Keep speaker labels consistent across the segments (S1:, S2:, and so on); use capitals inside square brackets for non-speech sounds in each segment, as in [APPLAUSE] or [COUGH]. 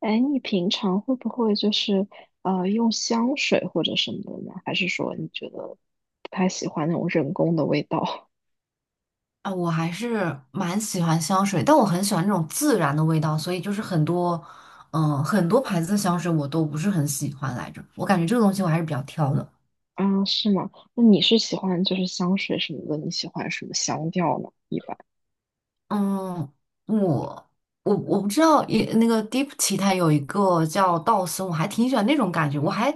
S1: 哎，你平常会不会用香水或者什么的呢？还是说你觉得不太喜欢那种人工的味道？
S2: 啊，我还是蛮喜欢香水，但我很喜欢那种自然的味道，所以就是很多牌子的香水我都不是很喜欢来着。我感觉这个东西我还是比较挑的。
S1: [LAUGHS] 啊，是吗？那你是喜欢就是香水什么的？你喜欢什么香调呢？一般，
S2: 嗯，我我不知道，也那个 Deep 奇它有一个叫道森，我还挺喜欢那种感觉。我还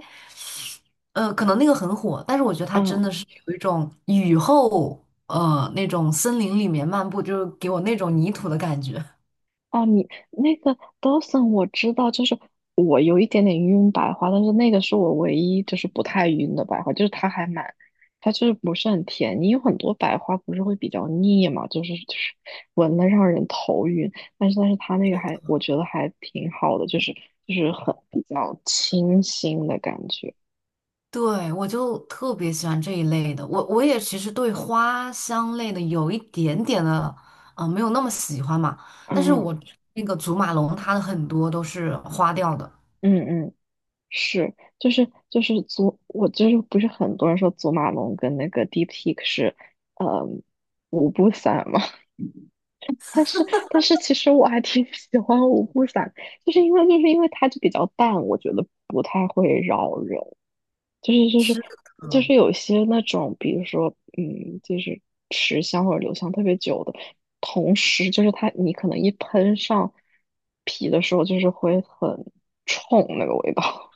S2: 呃，可能那个很火，但是我觉得它
S1: 嗯。
S2: 真的是有一种雨后那种森林里面漫步，就是给我那种泥土的感觉。
S1: 哦，你那个 Dawson 我知道，就是我有一点点晕白花，但是那个是我唯一就是不太晕的白花，就是它还蛮，它就是不是很甜。你有很多白花不是会比较腻嘛，就是闻了让人头晕，但是它那个还我觉得还挺好的，就是就是很比较清新的感觉。
S2: 对，我就特别喜欢这一类的。我也其实对花香类的有一点点的，没有那么喜欢嘛。但是我
S1: 嗯
S2: 那个祖马龙，它的很多都是花调的。
S1: 嗯嗯。是，就是祖，我就是不是很多人说祖马龙跟那个 DeepSeek 是，呃，五步散嘛。[LAUGHS] 但是但是其实我还挺喜欢五步散，就是因为它就比较淡，我觉得不太会扰人。就是就是
S2: 是
S1: 就
S2: 的，
S1: 是有些那种，比如说嗯，就是持香或者留香特别久的，同时就是它你可能一喷上皮的时候，就是会很冲那个味道。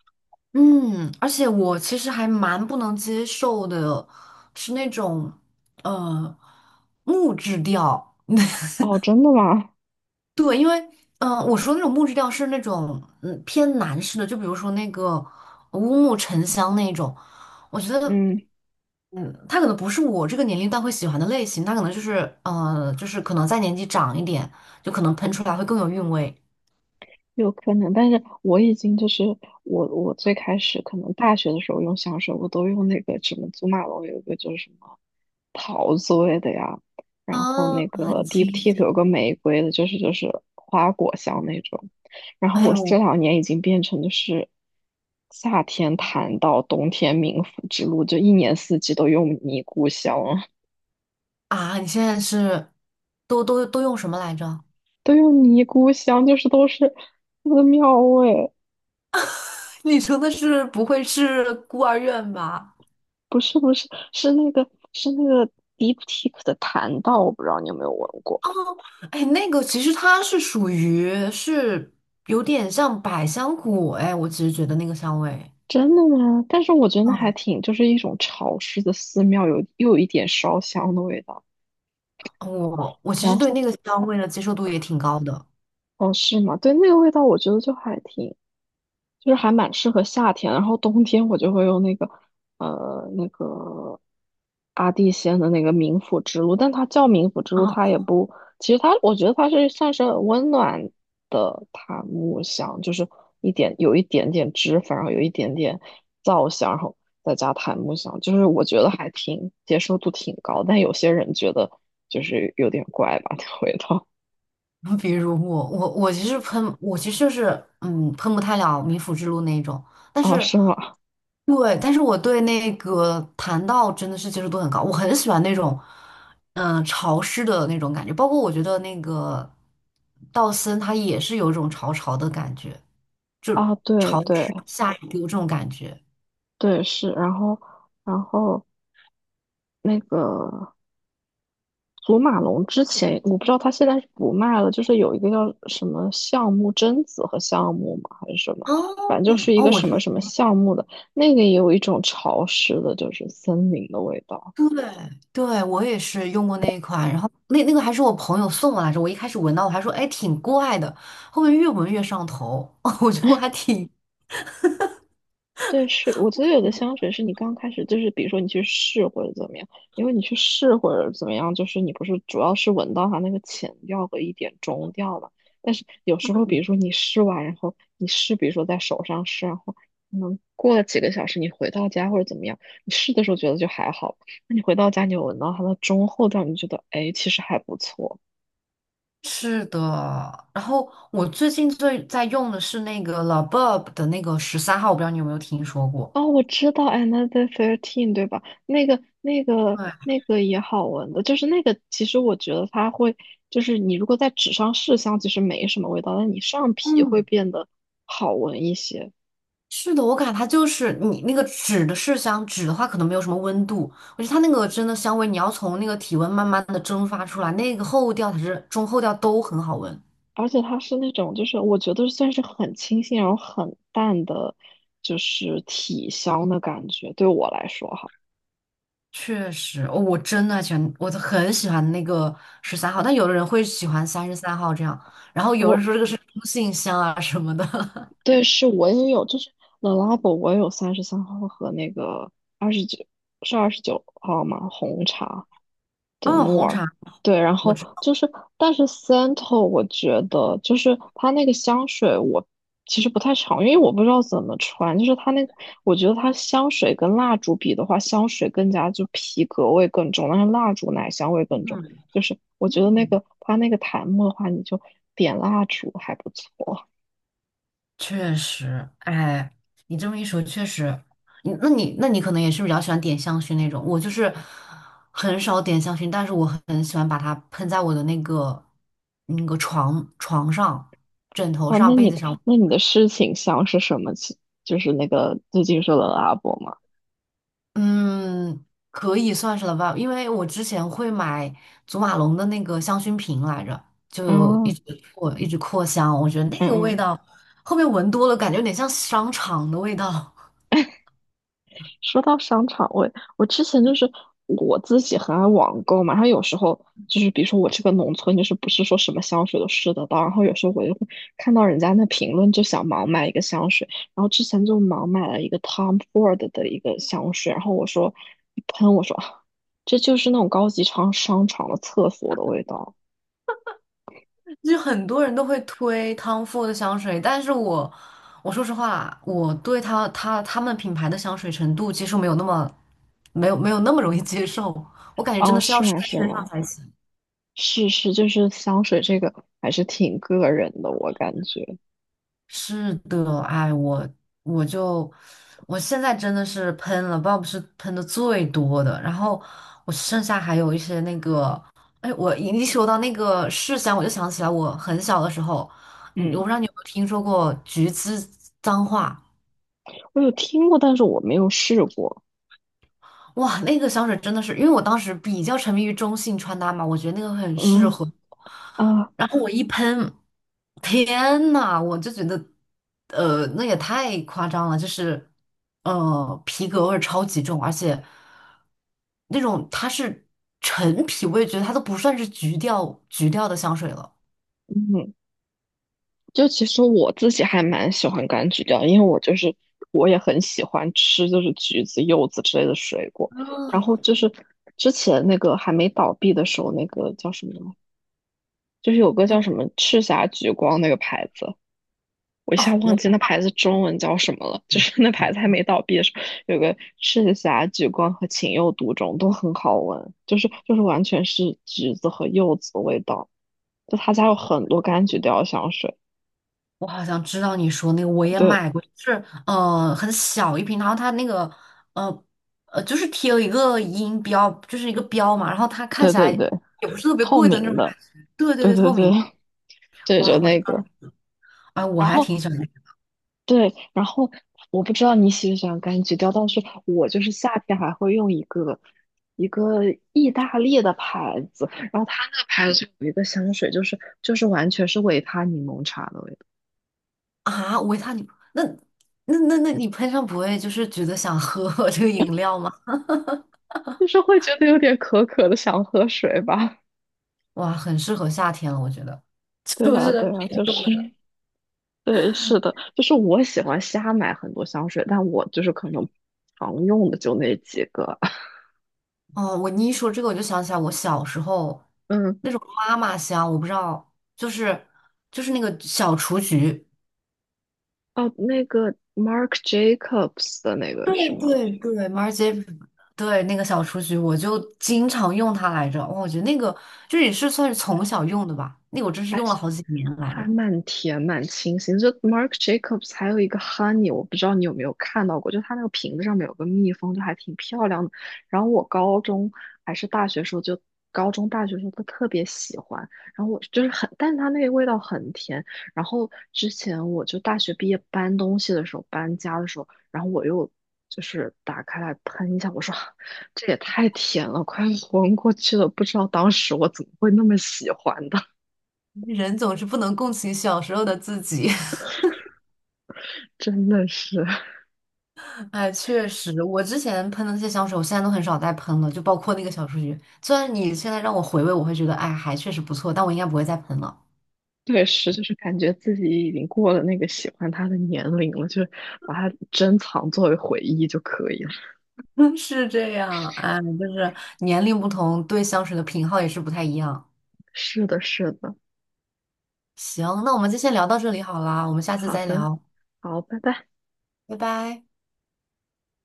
S2: 嗯，而且我其实还蛮不能接受的，是那种呃木质调。[LAUGHS]
S1: [LAUGHS] 哦，真的吗？
S2: 对，因为我说那种木质调是那种偏男士的，就比如说那个乌木沉香那种，我觉得。
S1: 嗯，
S2: 嗯，他可能不是我这个年龄段会喜欢的类型，他可能就是可能再年纪长一点，就可能喷出来会更有韵味。
S1: 有可能，但是我已经就是我最开始可能大学的时候用香水，我都用那个什么祖马龙有一个就是什么桃子味的呀，然后
S2: 啊，
S1: 那个
S2: 很清
S1: Deep Teak
S2: 新。
S1: 有个玫瑰的，就是花果香那种。然后
S2: 哎
S1: 我
S2: 呦
S1: 这两年已经变成就是夏天谈到冬天冥府之路，就一年四季都用尼姑香了，
S2: 啊，你现在是都用什么来着？
S1: [LAUGHS] 都用尼姑香，就是都是寺庙味。
S2: [LAUGHS] 你说的是不会是孤儿院吧？
S1: 不是不是，是那个 Deep t i k 的檀道，我不知道你有没有闻过。
S2: 哦，哎，那个其实它是属于是有点像百香果，哎，我其实觉得那个香味，
S1: 真的吗？但是我觉得还
S2: 嗯，
S1: 挺，就是一种潮湿的寺庙，有又有一点烧香的味道。
S2: 我其
S1: 然
S2: 实对
S1: 后，
S2: 那个香味的接受度也挺高的。
S1: 哦，是吗？对，那个味道我觉得就还挺，就是还蛮适合夏天，然后冬天我就会用那个那个阿蒂仙的那个冥府之路，但它叫冥府之路，它也不，其实它我觉得它是算是温暖的檀木香，就是一点有一点点脂粉，然后有一点点皂香，然后再加檀木香，就是我觉得还挺接受度挺高，但有些人觉得就是有点怪吧，那味道。
S2: [LAUGHS] 比如我，我其实喷，我其实就是喷不太了冥府之路那一种，但
S1: 啊，
S2: 是
S1: 是吗？
S2: 对，但是我对那个檀道真的是接受度很高，我很喜欢那种潮湿的那种感觉，包括我觉得那个道森他也是有一种潮潮的感觉，就
S1: 啊，对
S2: 潮
S1: 对
S2: 湿下雨给我这种感觉。
S1: 对，是，然后。然后那个祖马龙之前，我不知道他现在是不卖了，就是有一个叫什么橡木榛子和橡木嘛，还是什么，反
S2: 哦
S1: 正就是一
S2: 哦，
S1: 个什么什么橡木的，那个也有一种潮湿的，就是森林的味道。
S2: 对对，我也是用过那一款，然后那个还是我朋友送我来着，我一开始闻到我还说哎挺怪的，后面越闻越上头，[LAUGHS] 我觉得我还挺
S1: 对，是，我觉得有的香水是你刚开始就是，比如说你去试或者怎么样，因为你去试或者怎么样，就是你不是主要是闻到它那个前调和一点中调嘛。但是有时候，比如
S2: 嗯
S1: 说你试完，然后你试，比如说在手上试，然后可能过了几个小时，你回到家或者怎么样，你试的时候觉得就还好，那你回到家你有闻到它的中后调，你就觉得哎，其实还不错。
S2: 是的，然后我最近最在用的是那个 Labub 的那个13号，我不知道你有没有听说过。
S1: 哦，我知道《Another Thirteen》，对吧？那个、那个、
S2: 对，
S1: 那个也好闻的，就是那个。其实我觉得它会，就是你如果在纸上试香，其实没什么味道，但你上皮会
S2: 嗯，
S1: 变得好闻一些。
S2: 是的，我感觉它就是你那个纸的麝香纸的话，可能没有什么温度，我觉得它那个真的香味，你要从那个体温慢慢的蒸发出来，那个后调才是中后调都很好闻。
S1: 而且它是那种，就是我觉得算是很清新，然后很淡的，就是体香的感觉。对我来说，哈，
S2: 确实，哦，我真的喜欢，我很喜欢那个十三号，但有的人会喜欢33号这样，然后有
S1: 我。
S2: 人说这个是中性香啊什么的。[LAUGHS]
S1: 对，是我也有，就是 t h e Labo，我也有33号和那个二十九，是29号吗？红茶。的
S2: 嗯，
S1: 诺
S2: 红
S1: 尔，
S2: 茶，
S1: 对，然
S2: 我
S1: 后
S2: 知道，
S1: 就是，但是 Santal 我觉得就是它那个香水我其实不太常用，因为我不知道怎么穿，就是它那，我觉得它香水跟蜡烛比的话，香水更加就皮革味更重，但是蜡烛奶香味更重，就是我觉得那个它那个檀木的话，你就点蜡烛还不错。
S2: 确实，哎，你这么一说，确实，你你可能也是比较喜欢点香薰那种，我就是很少点香薰，但是我很喜欢把它喷在我的那个那个床上、枕头
S1: 啊。
S2: 上、
S1: 那
S2: 被
S1: 你
S2: 子上。
S1: 那你的事情香是什么情就是那个最近说的阿伯吗？
S2: 嗯，可以算是了吧，因为我之前会买祖马龙的那个香薰瓶来着，就有一
S1: 嗯
S2: 直扩一直扩香，我觉得那
S1: 嗯
S2: 个味
S1: 嗯。
S2: 道，后面闻多了感觉有点像商场的味道，
S1: 说到商场味，我我之前就是我自己很爱网购嘛，然后有时候就是比如说我这个农村，就是不是说什么香水都试得到，然后有时候我就会看到人家那评论，就想盲买一个香水，然后之前就盲买了一个 Tom Ford 的一个香水，然后我说一喷，我说啊 [SIGHS] 这就是那种高级商场的厕所的味道。
S2: [LAUGHS] 就很多人都会推 Tom Ford 的香水，但是我说实话，我对他们品牌的香水程度接受没有那么容易接受，我感觉真的
S1: 哦，
S2: 是要
S1: 是
S2: 试
S1: 吗？
S2: 在
S1: 是
S2: 身上
S1: 吗？
S2: 才行。
S1: 是是，就是香水这个还是挺个人的，我感觉。
S2: 是的，哎，我就我现在真的是喷了，Bob 是喷的最多的，然后我剩下还有一些那个，哎，我一说到那个麝香，我就想起来我很小的时候，我
S1: 嗯，
S2: 不知道你有没有听说过橘子脏话。
S1: 我有听过，但是我没有试过。
S2: 哇，那个香水真的是，因为我当时比较沉迷于中性穿搭嘛，我觉得那个很适
S1: 嗯。
S2: 合我
S1: 啊。
S2: 然后我一喷，天呐，我就觉得，那也太夸张了，就是，皮革味儿超级重，而且那种它是陈皮味，觉得它都不算是橘调橘调的香水了。
S1: 嗯，就其实我自己还蛮喜欢柑橘调，因为我就是我也很喜欢吃就是橘子、柚子之类的水果。然
S2: 嗯
S1: 后就是之前那个还没倒闭的时候，那个叫什么呢，就是有个叫什么赤霞橘光那个牌子，我一下
S2: 哦，
S1: 忘
S2: 我
S1: 记那牌子中文叫什么了。就是那牌子还
S2: 懂
S1: 没倒闭的时候，有个赤霞橘光和情有独钟都很好闻，就是完全是橘子和柚子的味道。就他家有很多柑橘调香水。
S2: 我好像知道你说那个，我也
S1: 对
S2: 买过，就是很小一瓶，然后它那个呃就是贴了一个音标，就是一个标嘛，然后它看
S1: 对
S2: 起来
S1: 对对，
S2: 也不是特别
S1: 透
S2: 贵的那种
S1: 明
S2: 感
S1: 的，
S2: 觉，对对
S1: 对
S2: 对，
S1: 对
S2: 透
S1: 对，
S2: 明
S1: [LAUGHS]
S2: 的，
S1: 对就
S2: 哇，我知
S1: 那
S2: 道，
S1: 个，
S2: 啊，我
S1: 然
S2: 还
S1: 后
S2: 挺喜欢那个
S1: 对，然后我不知道你喜不喜欢柑橘调，但是我就是夏天还会用一个意大利的牌子，然后它那个牌子有一个香水，就是完全是维他柠檬茶的味道，
S2: 啊，维他你那那那那你喷上不会就是觉得想喝 [LAUGHS] 这个饮料吗？
S1: 就是会觉得有点渴渴的，想喝水吧。
S2: 哇，很适合夏天了，我觉得，[LAUGHS]
S1: [LAUGHS] 对
S2: 就
S1: 啊，
S2: 是
S1: 对啊，
S2: 冰
S1: 就
S2: 冻
S1: 是，
S2: 的。
S1: 对，是的，就是我喜欢瞎买很多香水，但我就是可能常用的就那几个。[LAUGHS]
S2: 哦，你一说这个，我就想起来我小时候
S1: 嗯，
S2: 那种妈妈香，我不知道，就是那个小雏菊，
S1: 哦，那个 Mark Jacobs 的那个是
S2: 对
S1: 吗？
S2: 对对 Marjirie 对那个小雏菊，我就经常用它来着。哇，我觉得那个就是也是算是从小用的吧，那个我真是
S1: 还
S2: 用了好几年来着。
S1: 还蛮甜，蛮清新。就 Marc Jacobs 还有一个 Honey，我不知道你有没有看到过，就它那个瓶子上面有个蜜蜂，就还挺漂亮的。然后我高中还是大学时候就。高中、大学时候都特别喜欢，然后我就是很，但是它那个味道很甜。然后之前我就大学毕业搬东西的时候，搬家的时候，然后我又就是打开来喷一下，我说 [LAUGHS] 这也太甜了，快昏过去了。不知道当时我怎么会那么喜欢的，
S2: [LAUGHS] 人总是不能共情小时候的自己。[LAUGHS]
S1: 真的是。
S2: 哎，确实，我之前喷的那些香水，我现在都很少再喷了，就包括那个小雏菊。虽然你现在让我回味，我会觉得，哎，还确实不错，但我应该不会再喷了。
S1: 对，是，就是感觉自己已经过了那个喜欢他的年龄了，就把它珍藏作为回忆就可以了。
S2: [LAUGHS] 是这样，哎，就是年龄不同，对香水的品号也是不太一样。
S1: 是的，是的，
S2: 行，那我们就先聊到这里好啦，我们下次
S1: 好
S2: 再
S1: 的，
S2: 聊，
S1: 好，拜拜。
S2: 拜拜。